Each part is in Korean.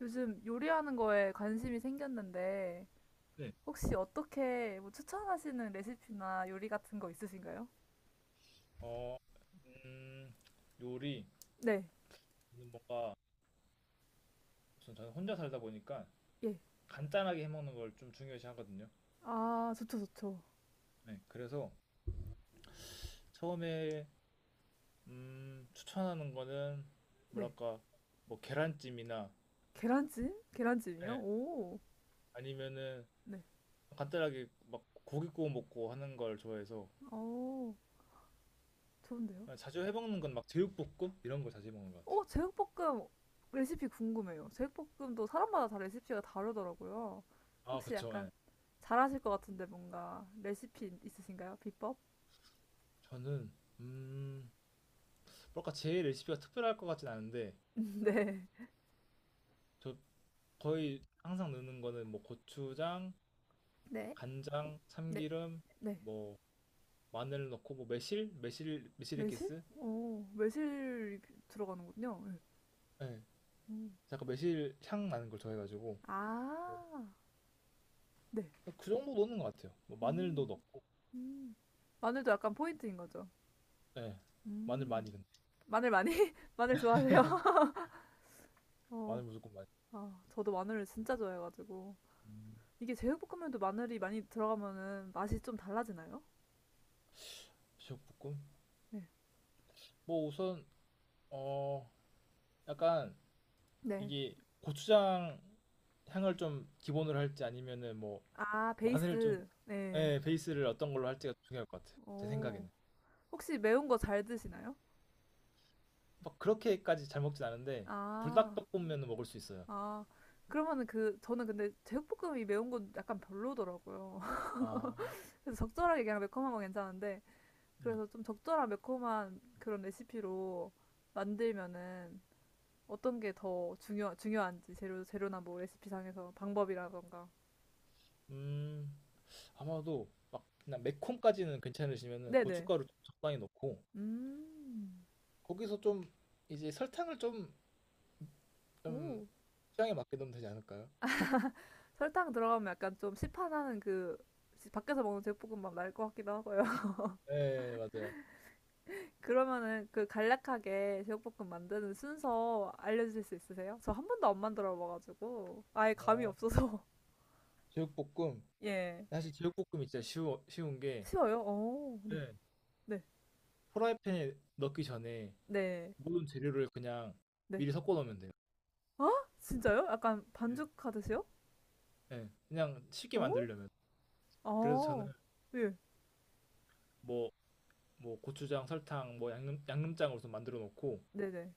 요즘 요리하는 거에 관심이 생겼는데, 네. 혹시 어떻게 뭐 추천하시는 레시피나 요리 같은 거 있으신가요? 어, 음, 요리. 네, 저는 뭔가, 우선 저는 혼자 살다 보니까 예. 간단하게 해먹는 걸 좀 중요시 하거든요. 아, 좋죠, 좋죠. 네. 그래서 처음에, 추천하는 거는, 네. 뭐랄까, 뭐, 계란찜이나, 계란찜? 네. 계란찜이요? 오, 아니면은, 네. 간단하게 막 고기 구워 먹고 하는 걸 좋아해서, 오, 좋은데요? 그냥 자주 해먹는 건 막 제육볶음? 이런 걸 자주 해먹는 것 같아요. 오, 제육볶음 레시피 궁금해요. 제육볶음도 사람마다 다 레시피가 다르더라고요. 아, 혹시 그쵸. 약간 예. 잘하실 것 같은데 뭔가 레시피 있으신가요? 비법? 저는, 음, 제 레시피가 특별할 것 같진 않은데, 네. 저 거의 항상 넣는 거는 뭐 고추장, 네, 간장, 네, 참기름, 네. 뭐 마늘 넣고 뭐 매실? 매실액기스, 어, 매실이 들어가는군요. 예. 예, 음. 약간 매실 향 나는 걸 좋아해가지고 아, 네. 그 정도 넣는 것 같아요. 뭐 마늘도 음, 넣고, 음, 마늘도 약간 포인트인 거죠. 예, 마늘 음. 많이 근데 마늘 많이? 마늘 좋아하세요? 어, 마늘 무조건 많이. 아, 저도 마늘을 진짜 좋아해가지고. 음, 이게 제육볶음면도 마늘이 많이 들어가면은 맛이 좀 달라지나요? 제육볶음? 네. 뭐 우선 어 약간 네. 이게 고추장 향을 좀 기본으로 할지 아니면은 뭐 아, 마늘 좀, 베이스. 네. 예, 베이스를 어떤 걸로 할지가 중요할 것 같아요. 제 오. 생각에는. 혹시 매운 거 잘 드시나요? 막 그렇게까지 잘 먹진 않은데 아, 불닭볶음면은 먹을 수 있어요. 아. 그러면은 그, 저는 근데 제육볶음이 매운 건 약간 별로더라고요. 아, 그래서 적절하게 그냥 매콤한 건 괜찮은데 네. 그래서 좀 적절한 매콤한 그런 레시피로 만들면은 어떤 게 더 중요한지 재료나 뭐 레시피상에서 방법이라던가. 음, 아마도 막 그냥 매콤까지는 괜찮으시면은 네네. 고춧가루 좀 적당히 넣고 음. 거기서 좀 이제 설탕을 좀, 좀 오. 취향에 맞게 넣으면 되지 않을까요? 설탕 들어가면 약간 좀 시판하는 그 밖에서 먹는 제육볶음밥 날 것 같기도 하고요. 네, 맞아요. 그러면은 그 간략하게 제육볶음 만드는 순서 알려주실 수 있으세요? 저 한 번도 안 만들어 봐가지고 아예 감이 어, 없어서 제육볶음. 예 사실 제육볶음이 진짜 쉬운 게 쉬워요. 오, 네, 네. 네. 프라이팬에 넣기 전에 네. 모든 재료를 그냥 네. 미리 섞어 놓으면 돼요. 아, 진짜요? 약간 네. 반죽하듯이요? 네, 그냥 쉽게 어? 만들려면. 그래서 저는 아. 예. 뭐 뭐 고추장, 설탕, 뭐 양념장으로서 만들어 놓고 네네.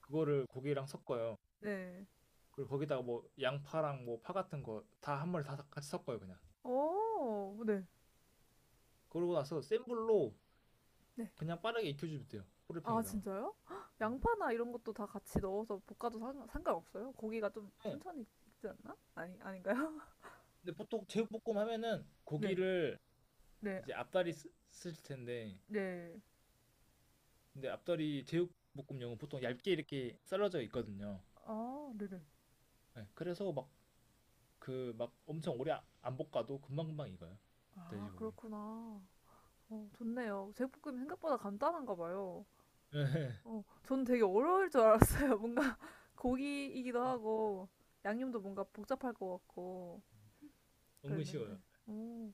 그거를 고기랑 섞어요. 네. 네. 그리고 거기다가 뭐 양파랑 뭐 파 같은 거 다 한 마리 다 같이 섞어요 그냥. 어. 네. 그러고 나서 센 불로 네. 그냥 빠르게 익혀주면 돼요. 아, 프라이팬에다가. 진짜요? 헉, 양파나 이런 것도 다 같이 넣어서 볶아도 상관없어요? 고기가 좀 네. 천천히 익지 않나? 아니, 아닌가요? 근데 보통 제육볶음 하면은 네. 고기를 네. 이제 앞다리 쓸 텐데 네. 근데 앞다리 제육볶음용은 보통 얇게 이렇게 썰어져 있거든요. 아, 네네. 네, 그래서 엄청 오래 안 볶아도 금방금방 익어요. 아, 돼지고기. 그렇구나. 어, 좋네요. 제육볶음이 생각보다 간단한가 봐요. 어, 저는 되게 어려울 줄 알았어요. 뭔가 고기이기도 하고 양념도 뭔가 복잡할 것 같고 은근 쉬워요. 그랬는데. 오,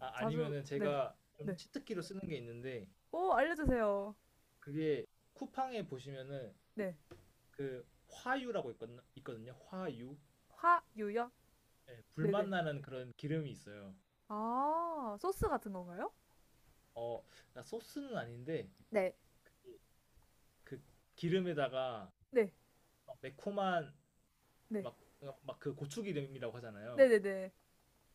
아, 자주 아니면은 네. 제가 좀 네. 치트키로 쓰는 게 있는데 오, 알려주세요. 그게 쿠팡에 보시면은 네. 그 화유라고 있거든요. 화유. 화유요? 예, 불맛 네네. 나는 그런 기름이 있어요. 아, 소스 같은 건가요? 어, 그러니까 소스는 아닌데 네. 그, 그 기름에다가 네. 막 매콤한 네. 막막그 고추기름이라고 하잖아요. 네네네.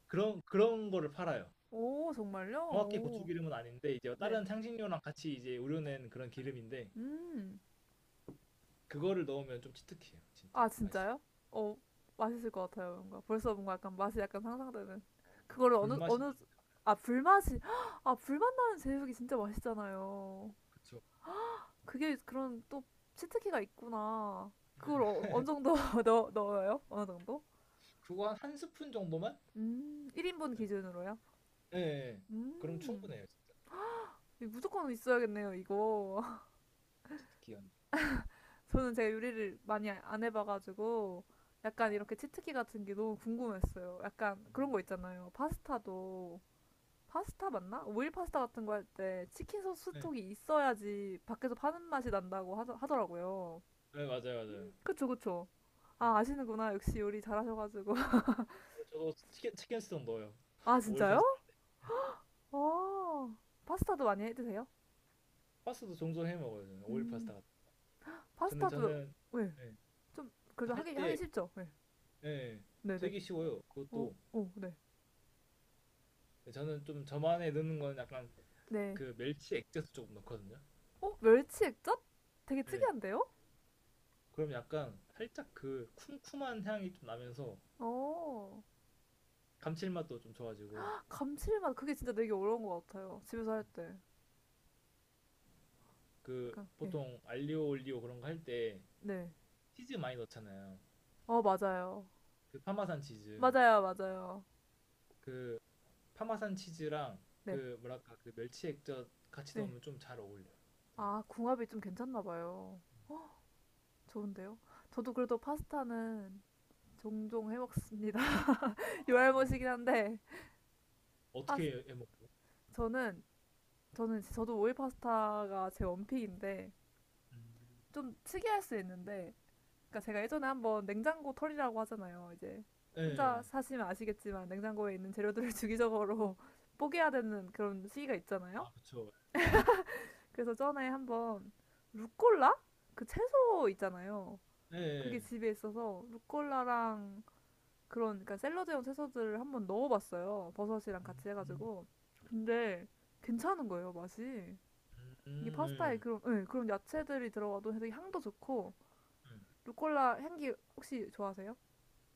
그런 거를 팔아요. 오, 정말요? 정확히 오. 고추기름은 아닌데 이제 네. 다른 향신료랑 같이 이제 우려낸 그런 기름인데 음. 그거를 넣으면 좀 치트키예요, 진짜 아, 맛있어요. 진짜요? 어, 맛있을 것 같아요, 뭔가. 벌써 뭔가 약간 맛이 약간 상상되는. 그거를 불맛이 어느, 나는. 아, 불맛이, 아, 불맛 나는 제육이 진짜 맛있잖아요. 그게 그런 또 치트키가 있구나. 그걸 어, 어느 정도 넣어요? 어느 정도? 그거 한 스푼 정도만? 1인분 네. 기준으로요? 예. 예. 그럼 음, 충분해요, 진짜. 무조건 있어야겠네요, 이거. 스키는. 저는 제가 요리를 많이 안 해봐가지고, 아, 약간 이렇게 치트키 같은 게 너무 궁금했어요. 약간 그런 음. 거 있잖아요. 파스타도. 파스타 맞나? 오일 파스타 같은 거 할 때 치킨 소스 네. 스톡이 있어야지 밖에서 파는 맛이 난다고 하더라고요. 네, 맞아요, 맞아요. 그쵸, 그쵸. 아, 아시는구나. 역시 요리 잘하셔가지고. 그리고 저도 치킨 스톡 넣어요. 아, 오일 진짜요? 파스타. 아 파스타도 많이 해 드세요? 파스타도 종종 해 먹어요, 저는. 오일 파스타 음, 같은. 거. 근데 파스타도, 저는 왜? 예. 좀, 그래도 그할 하기 때, 쉽죠? 네. 예. 예. 네네. 되게 쉬워요. 어, 그것도 어, 네. 예, 저는 좀 저만의 넣는 건 약간 네. 그 멸치 액젓을 조금 넣거든요. 어, 멸치 액젓? 되게 예. 특이한데요? 그럼 약간 살짝 그 쿰쿰한 향이 좀 나면서 어, 감칠맛도 좀 좋아지고 감칠맛. 그게 진짜 되게 어려운 것 같아요. 집에서 할 때. 그 약간, 예. 보통 알리오 올리오 그런 거할때 네. 치즈 많이 넣잖아요. 어, 맞아요. 그 파마산 치즈. 맞아요, 맞아요. 그 파마산 치즈랑 네, 그 뭐랄까 그 멸치 액젓 같이 네. 넣으면 좀 잘 어울려요. 되게. 아, 궁합이 좀 괜찮나 봐요. 좋은데요? 저도 그래도 파스타는 종종 해 먹습니다. 요알못이긴 한데, 어떻게 파스, 해 먹어? 저는, 저도 오일 파스타가 제 원픽인데, 음. 좀 특이할 수 있는데, 그러니까 제가 예전에 한번 냉장고 털이라고 하잖아요. 이제 예. 혼자 사시면 아시겠지만, 냉장고에 있는 재료들을 주기적으로 뽀개야 되는 그런 시기가 있잖아요. 아, 그쵸. 그래서 전에 한번 루꼴라? 그 채소 있잖아요. 예. 그게 예. 집에 있어서 루꼴라랑 그런 그러니까 샐러드용 채소들을 한번 넣어봤어요. 버섯이랑 음, 같이 음, 해가지고. 근데 괜찮은 거예요 맛이. 이게 파스타에 음, 그런 예, 그런 야채들이 들어가도 되게 향도 좋고 예. 예. 루꼴라 향기 혹시 좋아하세요?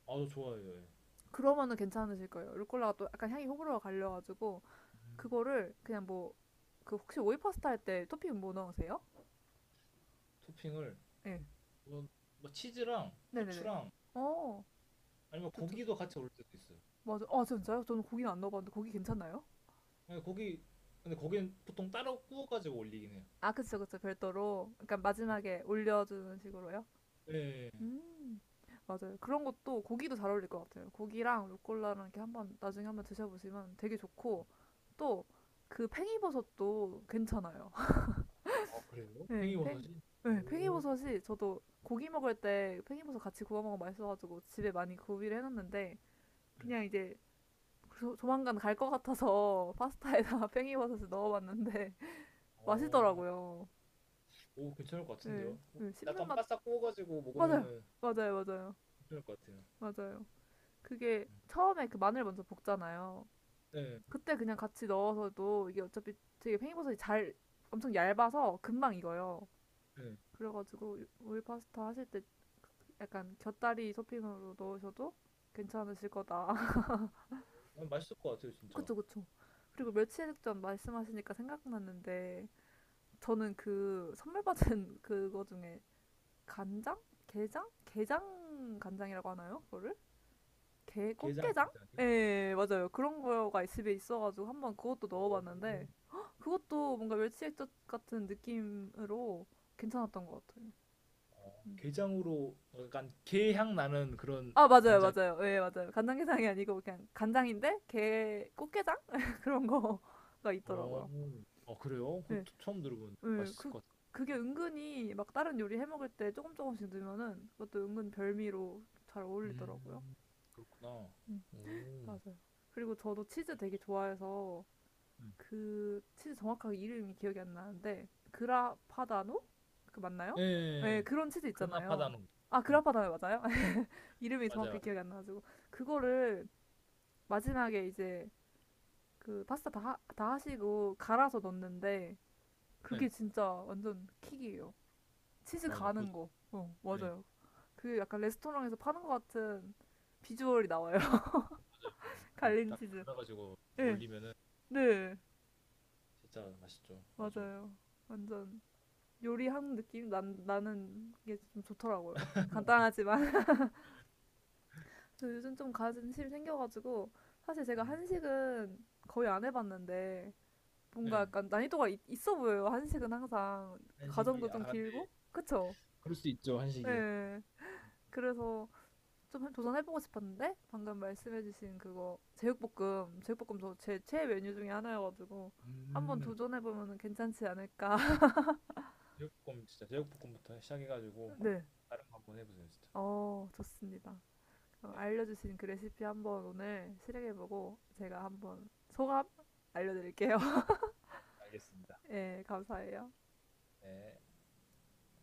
아, 저 좋아해요. 예. 그러면은 괜찮으실 거예요. 루꼴라가 또 약간 향이 호불호가 갈려가지고 음. 그거를 그냥 뭐 그 혹시 오이 파스타 할 때 토핑 뭐 넣으세요? 토핑을 예. 뭐, 뭐 치즈랑 네네네. 후추랑 어, 아니면 좋죠. 고기도 같이 올릴 때도 있어요. 맞아. 아 진짜요? 저는 고기는 안 넣어봤는데 고기 괜찮나요? 예, 고기 근데 고기는 보통 따로 구워가지고 올리긴 해요. 아, 그쵸, 그쵸. 별도로. 그러니까 마지막에 올려주는 식으로요. 예. 예. 음, 맞아요. 그런 것도 고기도 잘 어울릴 것 같아요. 고기랑 루꼴라랑 이렇게 한번 나중에 한번 드셔보시면 되게 좋고 또 그 팽이버섯도 괜찮아요. 아, 그래요? 네, 팽, 팽이버섯이? 네, 오. 팽이버섯이 저도 고기 먹을 때 팽이버섯 같이 구워 먹으면 맛있어가지고 집에 많이 구비를 해놨는데 네. 그냥 이제 조만간 갈 것 같아서 파스타에다가 팽이버섯을 넣어봤는데 어, 맛있더라고요. 오, 괜찮을 것 네, 같은데요? 오, 네, 씹는 약간 맛 바싹 구워가지고 맞아요. 먹으면은 맞아요. 맞아요. 괜찮을 것 같아요. 맞아요. 그게 음. 처음에 그 마늘 먼저 볶잖아요. 네, 그때 그냥 같이 넣어서도 이게 어차피 되게 팽이버섯이 잘 엄청 얇아서 금방 익어요. 네. 그래가지고 우유 파스타 하실 때 약간 곁다리 토핑으로 넣으셔도 괜찮으실 거다. 어, 맛있을 것 같아요, 진짜. 그쵸, 그쵸. 음. 그리고 며칠 전 말씀하시니까 생각났는데 저는 그 선물 받은 그거 중에 간장? 게장? 게장 간장이라고 하나요? 그거를? 게 게장 꽃게장? 간장이요? 예, 맞아요. 그런 거가 집에 있어가지고 한번 그것도 넣어봤는데 오, 헉, 그것도 뭔가 멸치액젓 같은 느낌으로 괜찮았던 것 같아요. 어, 게장으로 약간 게향 나는 그런 아, 맞아요, 간장. 맞아요. 예, 맞아요. 간장게장이 아니고 그냥 간장인데 게 꽃게장? 그런 거가 오, 있더라고요. 어, 그래요? 예, 그것도 처음 들어보는데 예, 맛있을 그 것 그게 같아요. 은근히 막 다른 요리 해 먹을 때 조금씩 넣으면은 그것도 은근 별미로 잘 어울리더라고요. 음, 그렇구나. 음, 오, 맞아요. 그리고 저도 치즈 되게 알- 좋아해서 음. 그 치즈 정확하게 이름이 기억이 안 나는데 그라파다노? 그 맞나요? 예, 예, 네, 예. 그런 치즈 그러나 있잖아요. 파다노. 아, 네, 그라파다노 맞아요? 이름이 맞아요. 정확하게 맞아요. 기억이 안 나가지고 그거를 마지막에 이제 그 파스타 다 하시고 갈아서 넣는데 네, 그게 진짜 완전 킥이에요. 치즈 맞아요. 그것도, 가는 거. 어, 네. 맞아요. 그 약간 레스토랑에서 파는 것 같은 비주얼이 나와요. 갈린 그딱 치즈. 갈아가지고 예. 올리면은 네. 진짜 맛있죠. 아주. 맞아요. 완전 요리하는 느낌 나는 이게 좀 좋더라고요. 간단하지만. 요즘 좀 관심이 생겨가지고 사실 제가 음, 한식은 거의 안 해봤는데 뭔가 네. 약간 난이도가 있어 보여요. 한식은 항상 한식이 과정도 아 좀 근데 길고 그쵸? 그럴 수 있죠 한식이. 예. 그래서 좀 도전해보고 싶었는데 방금 말씀해주신 그거 제육볶음 저 제 최애 메뉴 중에 하나여가지고 한번 음. 도전해보면 괜찮지 않을까. 제육볶음 진짜 제육볶음부터 시작해가지고 네. 다른 거 한번 해보세요, 진짜. 어 좋습니다. 어, 네, 알려주신 그 레시피 한번 오늘 실행해보고 제가 한번 소감 알려드릴게요. 알겠습니다. 예, 감사해요. 네.